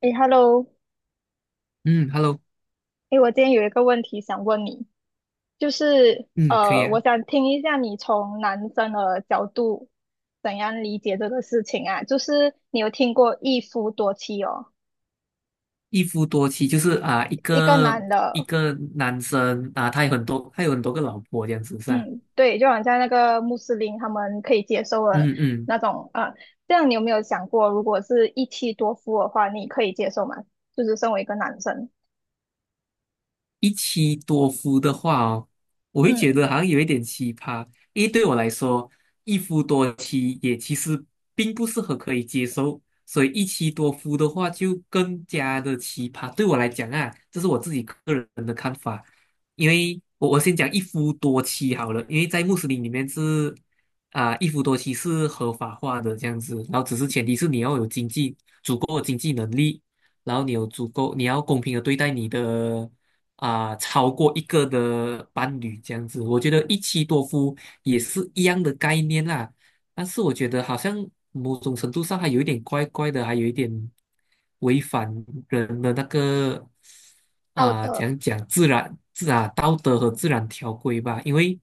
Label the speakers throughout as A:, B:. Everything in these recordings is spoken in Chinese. A: 诶 h e l l o
B: 嗯，Hello，
A: 诶，我今天有一个问题想问你，就是
B: 嗯，可以
A: 我
B: 啊。
A: 想听一下你从男生的角度怎样理解这个事情啊？就是你有听过一夫多妻哦，
B: 一夫多妻就是一
A: 一个
B: 个
A: 男
B: 一
A: 的，
B: 个男生他有很多个老婆这样子是吧？
A: 嗯，对，就好像那个穆斯林他们可以接受的
B: 嗯嗯。
A: 那种，啊。这样你有没有想过，如果是一妻多夫的话，你可以接受吗？就是身为一个男生，
B: 一妻多夫的话哦，我会觉
A: 嗯，
B: 得好像有一点奇葩，因为对我来说，一夫多妻也其实并不是很可以接受，所以一妻多夫的话就更加的奇葩。对我来讲啊，这是我自己个人的看法，因为我先讲一夫多妻好了，因为在穆斯林里面一夫多妻是合法化的这样子，然后只是前提是你要有经济足够的经济能力。然后你有足够，你要公平的对待你的超过一个的伴侣这样子。我觉得一妻多夫也是一样的概念啦，但是我觉得好像某种程度上还有一点怪怪的，还有一点违反人的
A: 道德，
B: 讲讲自然道德和自然条规吧，因为。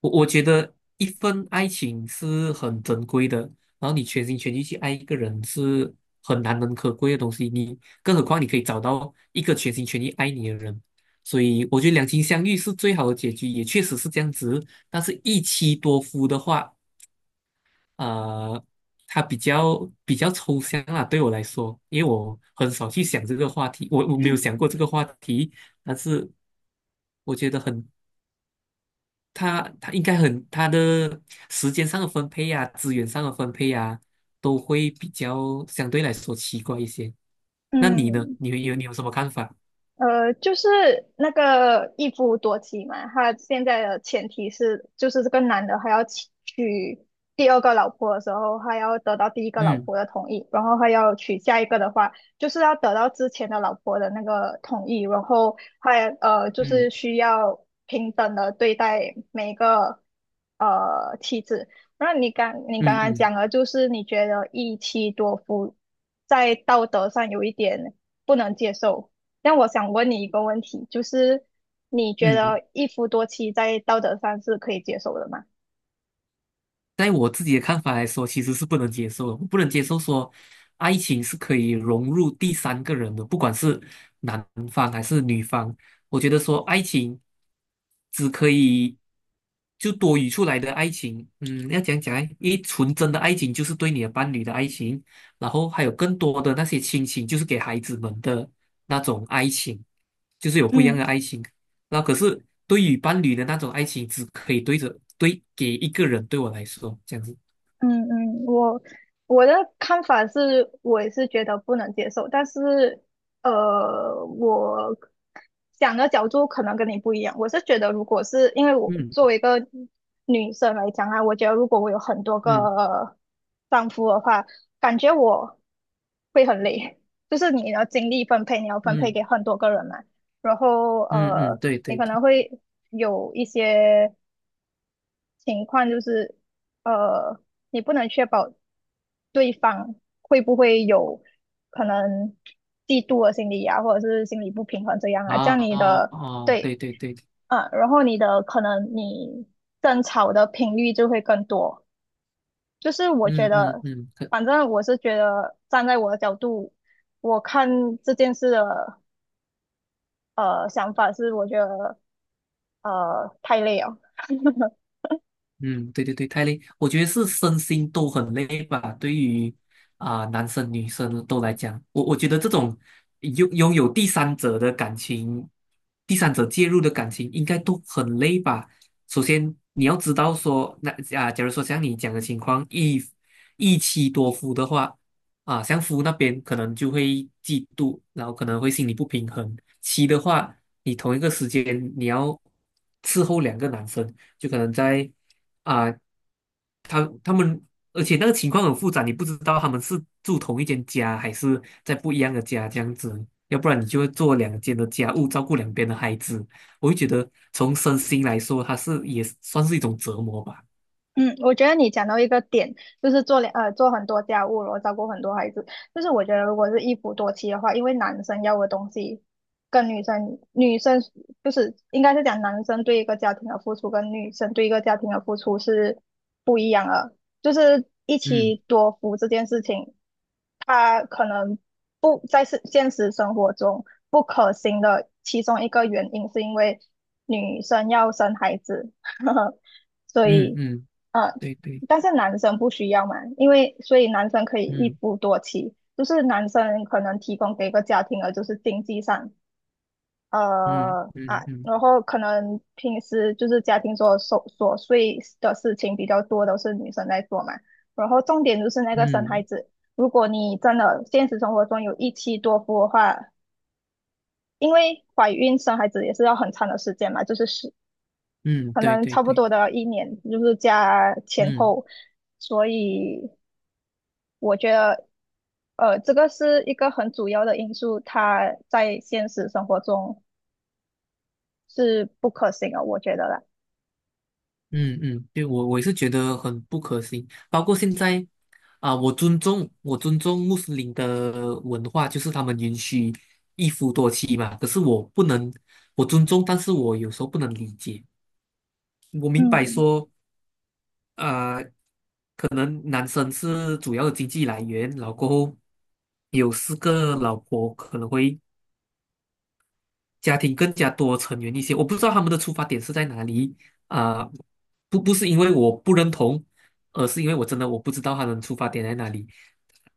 B: 我觉得一份爱情是很珍贵的，然后你全心全意去爱一个人是很难能可贵的东西，更何况你可以找到一个全心全意爱你的人，所以我觉得两情相悦是最好的结局，也确实是这样子。但是一妻多夫的话，呃，它比较抽象啊，对我来说，因为我很少去想这个话题，我没有想过这个话题，但是我觉得很他他应该很他的时间上的分配呀、资源上的分配呀、都会比较相对来说奇怪一些。那你呢？
A: 嗯。
B: 你有什么看法？
A: 就是那个一夫多妻嘛，他现在的前提是，就是这个男的还要娶第二个老婆的时候，还要得到第一个老
B: 嗯
A: 婆的同意，然后还要娶下一个的话，就是要得到之前的老婆的那个同意，然后就是
B: 嗯
A: 需要平等的对待每一个妻子。那你刚你刚
B: 嗯
A: 刚
B: 嗯
A: 讲了，就是你觉得一妻多夫在道德上有一点不能接受。但我想问你一个问题，就是你觉
B: 嗯。
A: 得一夫多妻在道德上是可以接受的吗？
B: 在我自己的看法来说，其实是不能接受的。我不能接受说，爱情是可以融入第三个人的，不管是男方还是女方。我觉得说，爱情只可以就多余出来的爱情，要讲讲诶，因为纯真的爱情就是对你的伴侣的爱情，然后还有更多的那些亲情，就是给孩子们的那种爱情，就是有不一样
A: 嗯。
B: 的爱情。那可是对于伴侣的那种爱情，只可以对给一个人，对我来说这样子。
A: 嗯嗯，我的看法是，我也是觉得不能接受，但是我想的角度可能跟你不一样。我是觉得，如果是因为我作
B: 嗯
A: 为一个女生来讲啊，我觉得如果我有很多
B: 嗯
A: 个丈夫的话，感觉我会很累，就是你的精力分配，你要分配
B: 嗯
A: 给很多个人嘛，然后
B: 嗯嗯，对
A: 你
B: 对
A: 可
B: 对，
A: 能会有一些。情况就是，呃，你不能确保对方会不会有可能嫉妒的心理啊，或者是心理不平衡这样啊，这
B: 啊
A: 样你
B: 哦
A: 的
B: 哦，对
A: 对，
B: 对对，
A: 啊，然后你的可能你争吵的频率就会更多。就是我觉
B: 嗯嗯
A: 得，
B: 嗯，
A: 反正我是觉得站在我的角度，我看这件事的想法是，我觉得太累了。
B: 嗯，对对对，太累，我觉得是身心都很累吧。对于男生女生都来讲，我觉得这种拥有第三者的感情，第三者介入的感情，应该都很累吧。首先你要知道说，那假如说像你讲的情况，一妻多夫的话，啊，像夫那边可能就会嫉妒，然后可能会心理不平衡。妻的话，你同一个时间你要伺候两个男生。就可能在啊，他们，而且那个情况很复杂，你不知道他们是住同一间家，还是在不一样的家这样子，要不然你就会做两间的家务，照顾两边的孩子。我会觉得从身心来说，它是也算是一种折磨吧。
A: 嗯，我觉得你讲到一个点，就是做很多家务，然后照顾很多孩子。就是我觉得如果是一夫多妻的话，因为男生要的东西跟女生就是应该是讲男生对一个家庭的付出跟女生对一个家庭的付出是不一样的。就是一
B: 嗯
A: 妻多夫这件事情，他可能不在是现实生活中不可行的其中一个原因，是因为女生要生孩子，所
B: 嗯
A: 以
B: 嗯，
A: 呃，
B: 对对，
A: 但是男生不需要嘛，因为所以男生可以一
B: 嗯
A: 夫多妻，就是男生可能提供给一个家庭的就是经济上，
B: 嗯嗯嗯
A: 然后可能平时就是家庭琐碎的事情比较多，都是女生在做嘛。然后重点就是那个生孩
B: 嗯
A: 子，如果你真的现实生活中有一妻多夫的话，因为怀孕生孩子也是要很长的时间嘛，就是是
B: 嗯，
A: 可
B: 对
A: 能
B: 对
A: 差不
B: 对，
A: 多的一年，就是加前
B: 嗯。
A: 后，所以我觉得这个是一个很主要的因素，它在现实生活中是不可行的，我觉得啦，
B: 嗯嗯，对，我也是觉得很不可行。包括现在啊，我尊重穆斯林的文化，就是他们允许一夫多妻嘛。可是我不能，我尊重，但是我有时候不能理解。我明白
A: 嗯。
B: 说，呃，可能男生是主要的经济来源，然后过后有四个老婆可能会家庭更加多成员一些。我不知道他们的出发点是在哪里啊、不是因为我不认同，而是因为我真的我不知道他们出发点在哪里，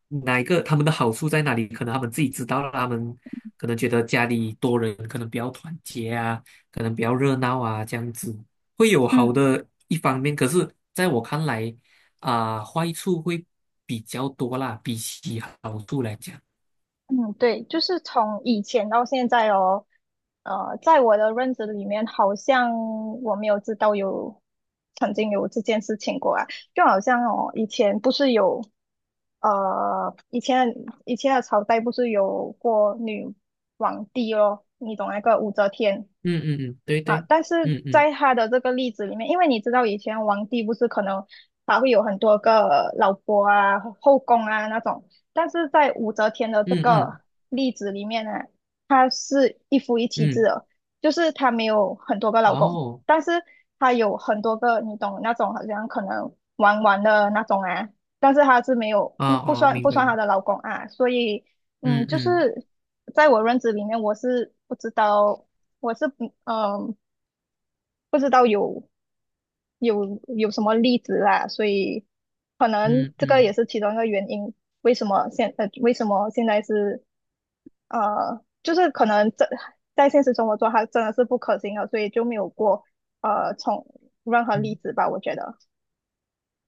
B: 哪一个他们的好处在哪里？可能他们自己知道了，他们可能觉得家里多人可能比较团结啊，可能比较热闹啊，这样子会有好
A: 嗯
B: 的一方面。可是在我看来坏处会比较多啦，比起好处来讲。
A: 嗯，对，就是从以前到现在哦，在我的认知里面，好像我没有知道有曾经有这件事情过啊，就好像哦，呃，以前以前的朝代不是有过女皇帝咯，你懂那个武则天？
B: 嗯嗯嗯，对
A: 啊，
B: 对，
A: 但是
B: 嗯嗯
A: 在他的这个例子里面，因为你知道以前皇帝不是可能他会有很多个老婆啊、后宫啊那种，但是在武则天的这
B: 嗯
A: 个
B: 嗯
A: 例子里面呢，她是一夫一妻制
B: 嗯。
A: 的，就是她没有很多个老公，
B: 哦，
A: 但是她有很多个，你懂那种好像可能玩玩的那种啊，但是她是没有
B: 哦
A: 不不
B: 哦，
A: 算
B: 明
A: 不
B: 白
A: 算
B: 明
A: 她的
B: 白。
A: 老公啊，所以嗯，
B: 嗯
A: 就
B: 嗯
A: 是在我认知里面，我是不知道。我不知道有有什么例子啦，所以可能
B: 嗯
A: 这个也
B: 嗯
A: 是其中一个原因，为什么现在是就是可能这在现实生活中它真的是不可行的，所以就没有过从任何例
B: 嗯
A: 子吧，我觉得，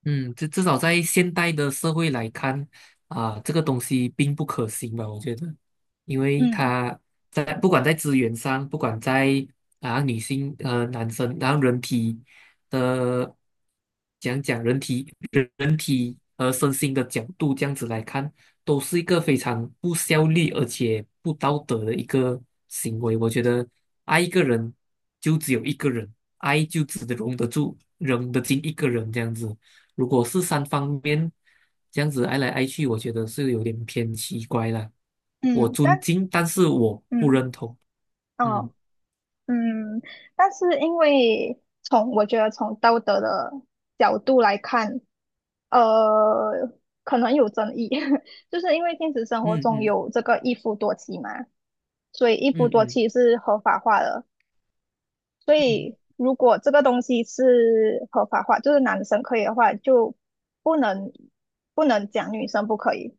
B: 嗯。至少在现代的社会来看，这个东西并不可行吧？我觉得，因为
A: 嗯
B: 不管在资源上，不管在女性男生，然后人体的讲讲人体。体和身心的角度这样子来看，都是一个非常不效率而且不道德的一个行为。我觉得爱一个人就只有一个人，爱就只容得住、容得进一个人这样子。如果是三方面这样子爱来爱去，我觉得是有点偏奇怪了。我
A: 嗯，
B: 尊
A: 但
B: 敬，但是我不
A: 嗯
B: 认同。嗯
A: 哦嗯，但是因为从我觉得从道德的角度来看。呃，可能有争议，就是因为现实生活
B: 嗯
A: 中
B: 嗯
A: 有这个一夫多妻嘛，所以一夫
B: 嗯
A: 多
B: 嗯
A: 妻是合法化的。所
B: 嗯
A: 以如果这个东西是合法化，就是男生可以的话，就不能不能讲女生不可以。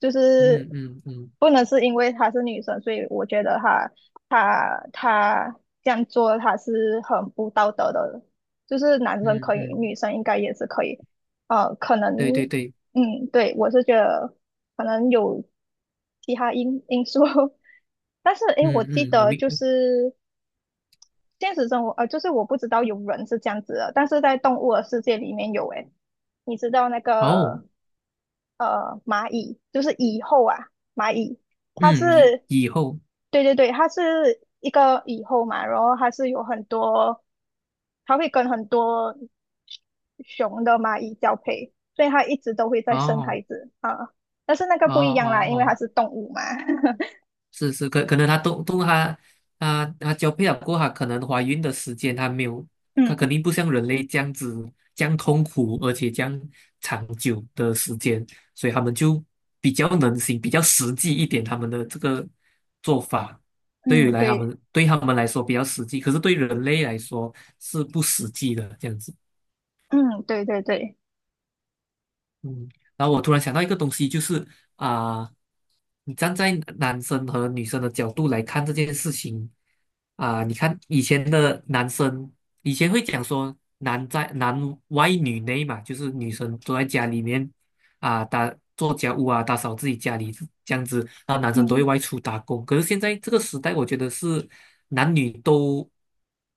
A: 就是
B: 嗯嗯嗯
A: 不能是因为她是女生，所以我觉得她这样做她是很不道德的。就是男生
B: 嗯
A: 可以，
B: 嗯，
A: 女生应该也是可以。可能，
B: 对对对，
A: 嗯，对，我是觉得可能有其他因素，但是诶，我
B: 嗯
A: 记
B: 嗯，我
A: 得
B: 明。
A: 就是现实生活，就是我不知道有人是这样子的，但是在动物的世界里面有诶，你知道那
B: 哦，
A: 个？蚂蚁，就是蚁后啊，蚂蚁，它
B: 嗯，以
A: 是，
B: 以后，
A: 对对对，它是一个蚁后嘛，然后它是有很多，它会跟很多熊的蚂蚁交配，所以它一直都会在生孩
B: 哦，
A: 子啊。但是那个
B: 哦
A: 不一样啦，
B: 哦
A: 因为它
B: 哦，
A: 是动物嘛。
B: 是是，可能他都都他她交配了过后，她可能怀孕的时间他没有，他
A: 嗯
B: 肯定不像人类这样子这样痛苦，而且这样长久的时间，所以他们就比较能行，比较实际一点他们的这个做法，对于
A: 嗯，
B: 来他
A: 对，
B: 们对他们来说比较实际，可是对人类来说是不实际的这样子。
A: 嗯对对对，
B: 嗯，然后我突然想到一个东西，就是啊、你站在男生和女生的角度来看这件事情你看以前的男生，以前会讲说男外女内嘛，就是女生都在家里面做家务啊，打扫自己家里这样子，然后男生都会
A: 嗯
B: 外出打工。可是现在这个时代，我觉得是男女都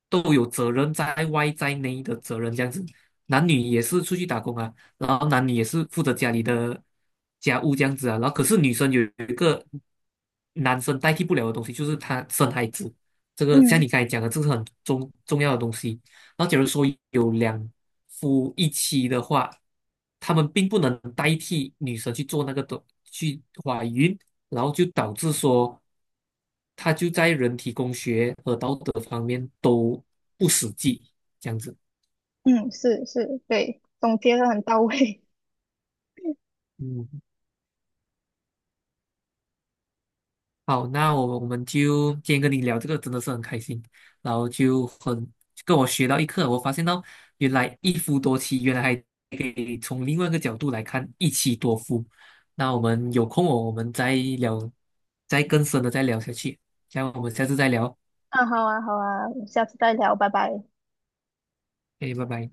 B: 都有责任在外在内的责任这样子。男女也是出去打工啊，然后男女也是负责家里的家务这样子啊。然后可是女生有一个男生代替不了的东西，就是她生孩子。这个像
A: 嗯
B: 你刚才讲的，这是很重要的东西。然后假如说有两夫一妻的话，他们并不能代替女生去做那个的去怀孕，然后就导致说，他就在人体工学和道德方面都不实际，这样子。
A: 嗯，是是，对，总结的很到位。
B: 嗯。好，那我们就今天跟你聊这个真的是很开心，然后跟我学到一课，我发现到原来一夫多妻，原来还可以从另外一个角度来看一妻多夫。那我们有空哦，我们再聊，再更深的再聊下去。这样我们下次再聊，
A: 啊，好啊好啊，我们下次再聊，拜拜。
B: 哎，拜拜。